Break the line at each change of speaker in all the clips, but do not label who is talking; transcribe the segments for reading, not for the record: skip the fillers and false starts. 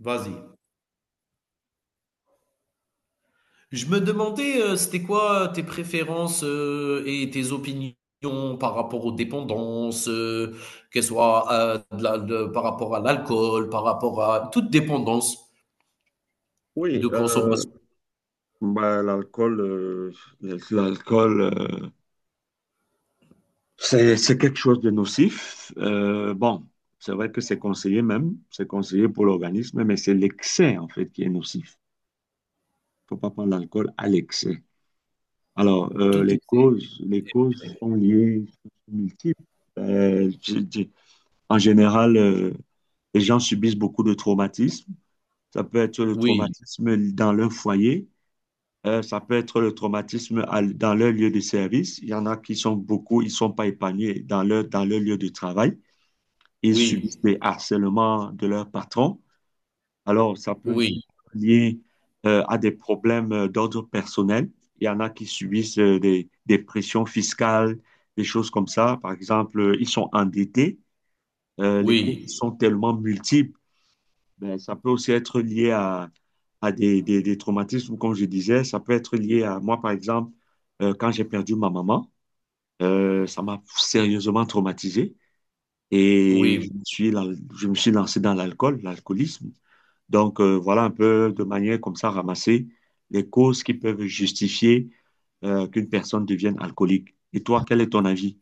Vas-y. Je me demandais, c'était quoi tes préférences et tes opinions par rapport aux dépendances, qu'elles soient par rapport à l'alcool, par rapport à toute dépendance
Oui,
de consommation,
l'alcool, l'alcool, c'est quelque chose de nocif. Bon, c'est vrai que c'est conseillé même, c'est conseillé pour l'organisme, mais c'est l'excès en fait qui est nocif. Il ne faut pas prendre l'alcool à l'excès. Alors,
tout excès.
les causes sont liées, sont multiples. Euh, je- je- En général, les gens subissent beaucoup de traumatismes. Ça peut être le
Oui,
traumatisme dans leur foyer. Ça peut être le traumatisme dans leur lieu de service. Il y en a qui sont beaucoup, ils ne sont pas épanouis dans leur lieu de travail. Ils
oui,
subissent des harcèlements de leur patron. Alors, ça peut aussi
oui,
être lié à des problèmes d'ordre personnel. Il y en a qui subissent des pressions fiscales, des choses comme ça. Par exemple, ils sont endettés. Les coûts
oui,
sont tellement multiples. Ben, ça peut aussi être lié à des traumatismes, ou comme je disais, ça peut être lié à moi, par exemple, quand j'ai perdu ma maman, ça m'a sérieusement traumatisé et
oui.
je me suis, je me suis lancé dans l'alcool, l'alcoolisme. Donc, voilà un peu de manière comme ça ramasser les causes qui peuvent justifier qu'une personne devienne alcoolique. Et toi, quel est ton avis?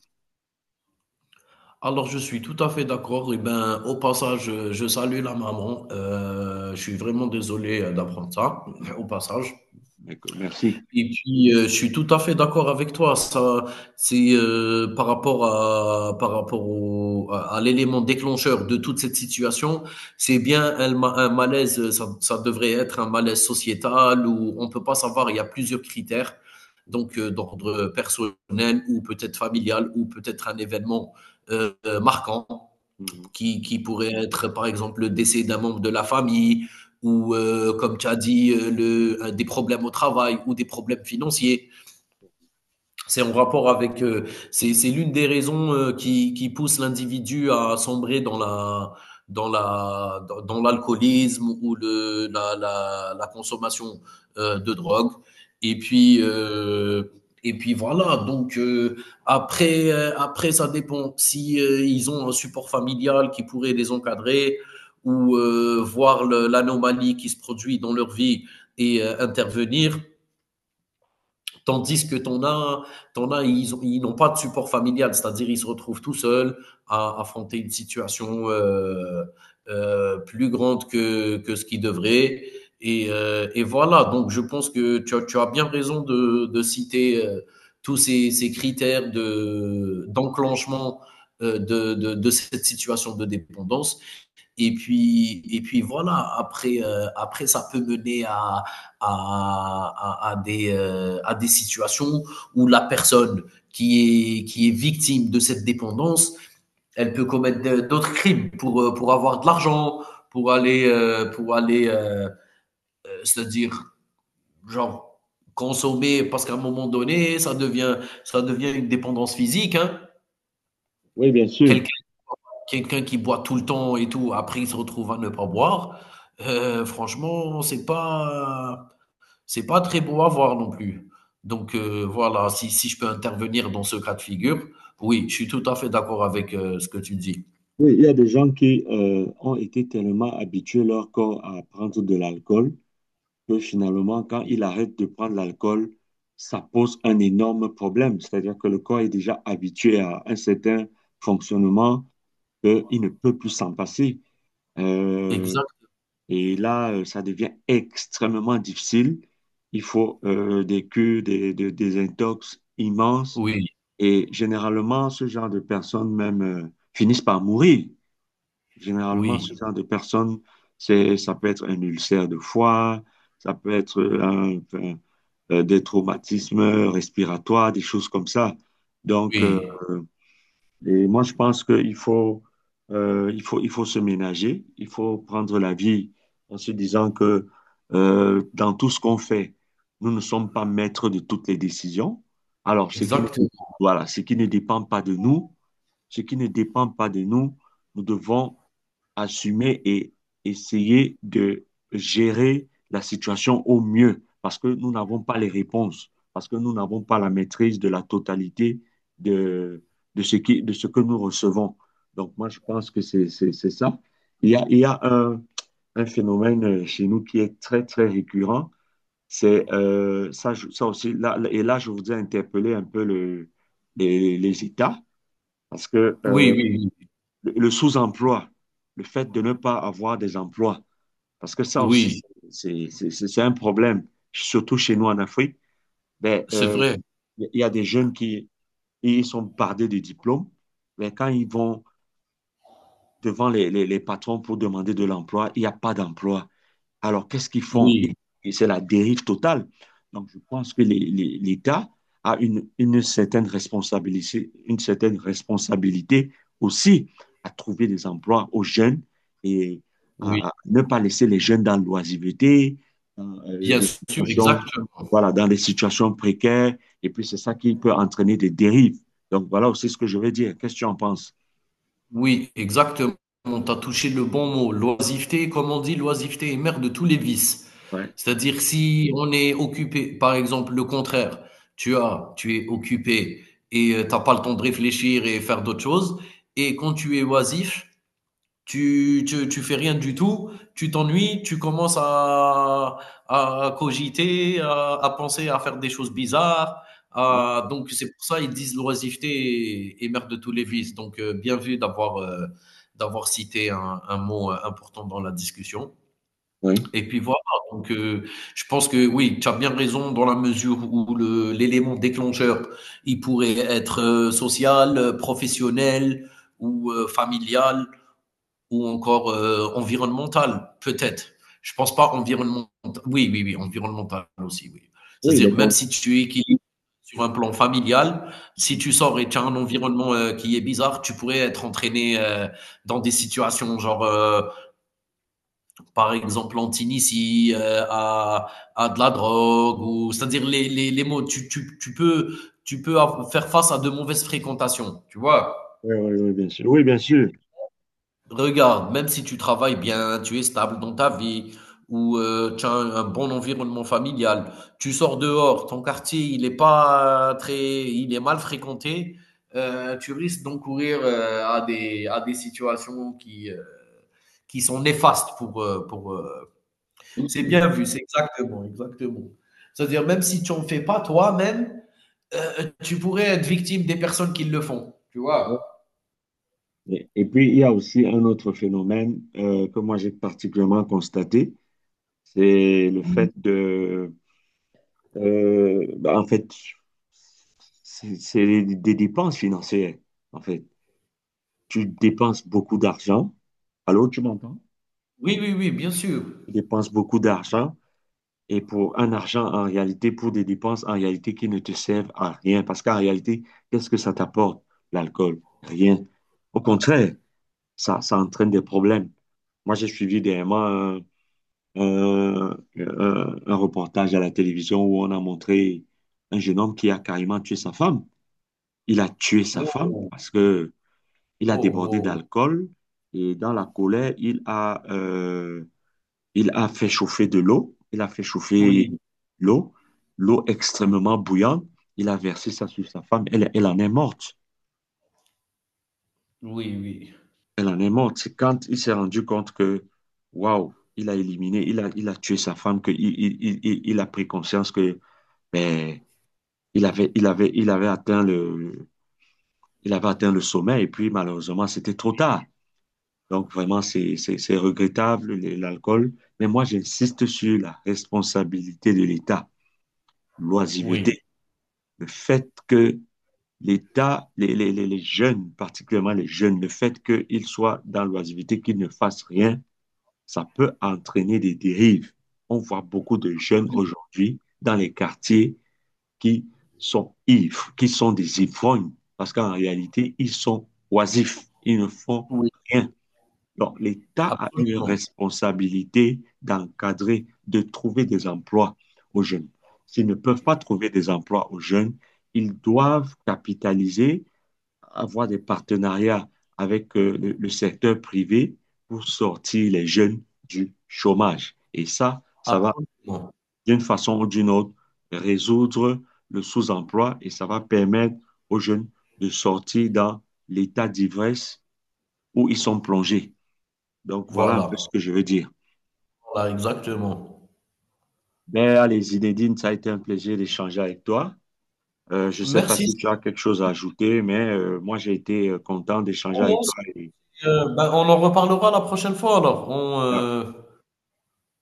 Alors je suis tout à fait d'accord. Et ben, au passage, je salue la maman. Je suis vraiment désolé d'apprendre ça, au passage.
Merci.
Et puis, je suis tout à fait d'accord avec toi. Ça, c'est, par rapport à par rapport au à l'élément déclencheur de toute cette situation, c'est bien un malaise, ça devrait être un malaise sociétal où on peut pas savoir, il y a plusieurs critères, donc d'ordre personnel ou peut-être familial ou peut-être un événement, heu, marquant
Mhm.
qui pourrait être, par exemple, le décès d'un membre de la famille ou, comme tu as dit, des problèmes au travail ou des problèmes financiers. C'est en rapport avec, c'est l'une des raisons, qui pousse l'individu à sombrer dans l'alcoolisme ou le la la la consommation, de drogue et puis, voilà donc, après, après ça dépend si, ils ont un support familial qui pourrait les encadrer ou, voir le l'anomalie qui se produit dans leur vie et intervenir. Tandis que ton as ils n'ont pas de support familial, c'est-à-dire ils se retrouvent tout seuls à affronter une situation plus grande que ce qu'ils devraient. Et voilà, donc je pense que tu as bien raison de citer tous ces, ces critères de, d'enclenchement de cette situation de dépendance. Et puis voilà, après, après ça peut mener à des situations où la personne qui est victime de cette dépendance, elle peut commettre d'autres crimes pour avoir de l'argent, pour aller c'est-à-dire, genre, consommer, parce qu'à un moment donné, ça devient une dépendance physique, hein.
Oui, bien sûr.
Quelqu'un Quelqu'un qui boit tout le temps et tout, après il se retrouve à ne pas boire, franchement, c'est pas très beau à voir non plus. Donc voilà, si je peux intervenir dans ce cas de figure, oui, je suis tout à fait d'accord avec, ce que tu dis.
Oui, il y a des gens qui ont été tellement habitués leur corps à prendre de l'alcool que finalement, quand ils arrêtent de prendre l'alcool, ça pose un énorme problème. C'est-à-dire que le corps est déjà habitué à un certain fonctionnement qu'il ne peut plus s'en passer. Euh,
Exact.
et là, ça devient extrêmement difficile. Il faut des cures, des intox immenses.
Oui,
Et généralement, ce genre de personnes même finissent par mourir. Généralement, ce
oui,
genre de personnes, c'est, ça peut être un ulcère de foie, ça peut être des traumatismes respiratoires, des choses comme ça. Donc,
oui.
et moi, je pense qu'il faut, il faut se ménager, il faut prendre la vie en se disant que dans tout ce qu'on fait, nous ne sommes pas maîtres de toutes les décisions. Alors, ce qui ne,
Exact.
voilà, ce qui ne dépend pas de nous, ce qui ne dépend pas de nous, nous devons assumer et essayer de gérer la situation au mieux parce que nous n'avons pas les réponses, parce que nous n'avons pas la maîtrise de la totalité de, de, de ce que nous recevons. Donc moi, je pense que c'est ça. Il y a un phénomène chez nous qui est très, très récurrent. C'est ça, ça aussi, là, et là, je voudrais interpeller un peu le, les États, parce que
Oui, oui, oui.
le sous-emploi, le fait de ne pas avoir des emplois, parce que ça aussi,
Oui,
c'est un problème, surtout chez nous en Afrique. Ben,
c'est vrai.
il y a des jeunes qui ils sont bardés de diplômes, mais quand ils vont devant les patrons pour demander de l'emploi, il n'y a pas d'emploi. Alors, qu'est-ce qu'ils font?
Oui,
Et c'est la dérive totale. Donc, je pense que l'État a une certaine responsabilité aussi à trouver des emplois aux jeunes et
oui,
à ne pas laisser les jeunes dans l'oisiveté, dans
bien
des
sûr,
situations,
exactement.
voilà, dans des situations précaires. Et puis, c'est ça qui peut entraîner des dérives. Donc, voilà aussi ce que je veux dire. Qu'est-ce que tu en penses?
Oui, exactement. Tu as touché le bon mot. L'oisiveté, comme on dit, l'oisiveté est mère de tous les vices.
Ouais.
C'est-à-dire si on est occupé, par exemple, le contraire, tu es occupé et tu n'as pas le temps de réfléchir et faire d'autres choses. Et quand tu es oisif, tu fais rien du tout, tu t'ennuies, tu commences à cogiter, à penser à faire des choses bizarres.
Ouais.
Donc c'est pour ça ils disent l'oisiveté est, est mère de tous les vices. Donc bien vu d'avoir d'avoir cité un mot important dans la discussion.
Oui.
Et puis voilà, donc je pense que oui, tu as bien raison dans la mesure où le, l'élément déclencheur, il pourrait être social, professionnel ou familial ou encore environnemental, peut-être. Je pense pas environnemental. Oui, oui, oui, environnemental aussi, oui.
Oui, les
C'est-à-dire, même
cons-
si tu équilibres sur un plan familial, si tu sors et tu as un environnement qui est bizarre, tu pourrais être entraîné dans des situations genre, par exemple, en Tunisie, à de la drogue, ou c'est-à-dire les mots, tu peux, faire face à de mauvaises fréquentations, tu vois.
Oui, oui, oui, bien sûr. Oui, bien sûr.
Regarde, même si tu travailles bien, tu es stable dans ta vie, ou tu as un bon environnement familial, tu sors dehors, ton quartier, il est pas très, il est mal fréquenté, tu risques d'encourir à des situations qui sont néfastes pour, c'est bien vu, c'est exactement, exactement. C'est-à-dire, même si tu en fais pas toi-même, tu pourrais être victime des personnes qui le font, tu vois?
Et puis, il y a aussi un autre phénomène que moi j'ai particulièrement constaté, c'est le fait de, en fait, c'est des dépenses financières. En fait, tu dépenses beaucoup d'argent. Allô, tu m'entends?
Oui, oui, oui, bien sûr.
Tu dépenses beaucoup d'argent et pour un argent en réalité, pour des dépenses en réalité qui ne te servent à rien. Parce qu'en réalité, qu'est-ce que ça t'apporte, l'alcool? Rien. Au contraire, ça entraîne des problèmes. Moi, j'ai suivi dernièrement un reportage à la télévision où on a montré un jeune homme qui a carrément tué sa femme. Il a tué sa femme
Wow,
parce que il a
wow,
débordé
wow.
d'alcool et dans la colère, il a fait chauffer de l'eau. Il a fait chauffer
Oui.
l'eau, l'eau extrêmement bouillante. Il a versé ça sur sa femme. Elle, elle en est morte.
Oui, oui,
Elle en est morte. C'est quand il s'est rendu compte que, waouh, il a éliminé, il a tué sa femme, qu'il il a pris conscience que, ben il avait, il avait atteint il avait atteint le sommet et puis malheureusement, c'était trop tard. Donc vraiment, c'est regrettable, l'alcool. Mais moi, j'insiste sur la responsabilité de l'État, l'oisiveté,
oui,
le fait que l'État, les jeunes, particulièrement les jeunes, le fait qu'ils soient dans l'oisiveté, qu'ils ne fassent rien, ça peut entraîner des dérives. On voit beaucoup de jeunes
oui,
aujourd'hui dans les quartiers qui sont ivres, qui sont des ivrognes, parce qu'en réalité, ils sont oisifs, ils ne font
oui,
rien. Donc, l'État a une
absolument,
responsabilité d'encadrer, de trouver des emplois aux jeunes. S'ils ne peuvent pas trouver des emplois aux jeunes, ils doivent capitaliser, avoir des partenariats avec le secteur privé pour sortir les jeunes du chômage. Et ça va
absolument.
d'une façon ou d'une autre, résoudre le sous-emploi et ça va permettre aux jeunes de sortir dans l'état d'ivresse où ils sont plongés. Donc voilà un peu
Voilà,
ce que je veux dire.
voilà, exactement.
Ben, allez, Zinedine, ça a été un plaisir d'échanger avec toi. Je ne sais pas
Merci.
si tu as quelque chose à ajouter, mais moi, j'ai été content d'échanger
Sinon,
avec
non,
toi.
c'est,
Et-
ben, on en reparlera la prochaine fois alors.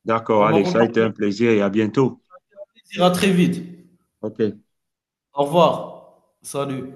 D'accord,
On en
allez, ça a
reparlera.
été
Avec
un plaisir et à bientôt.
plaisir. À très vite.
OK.
Au revoir. Salut.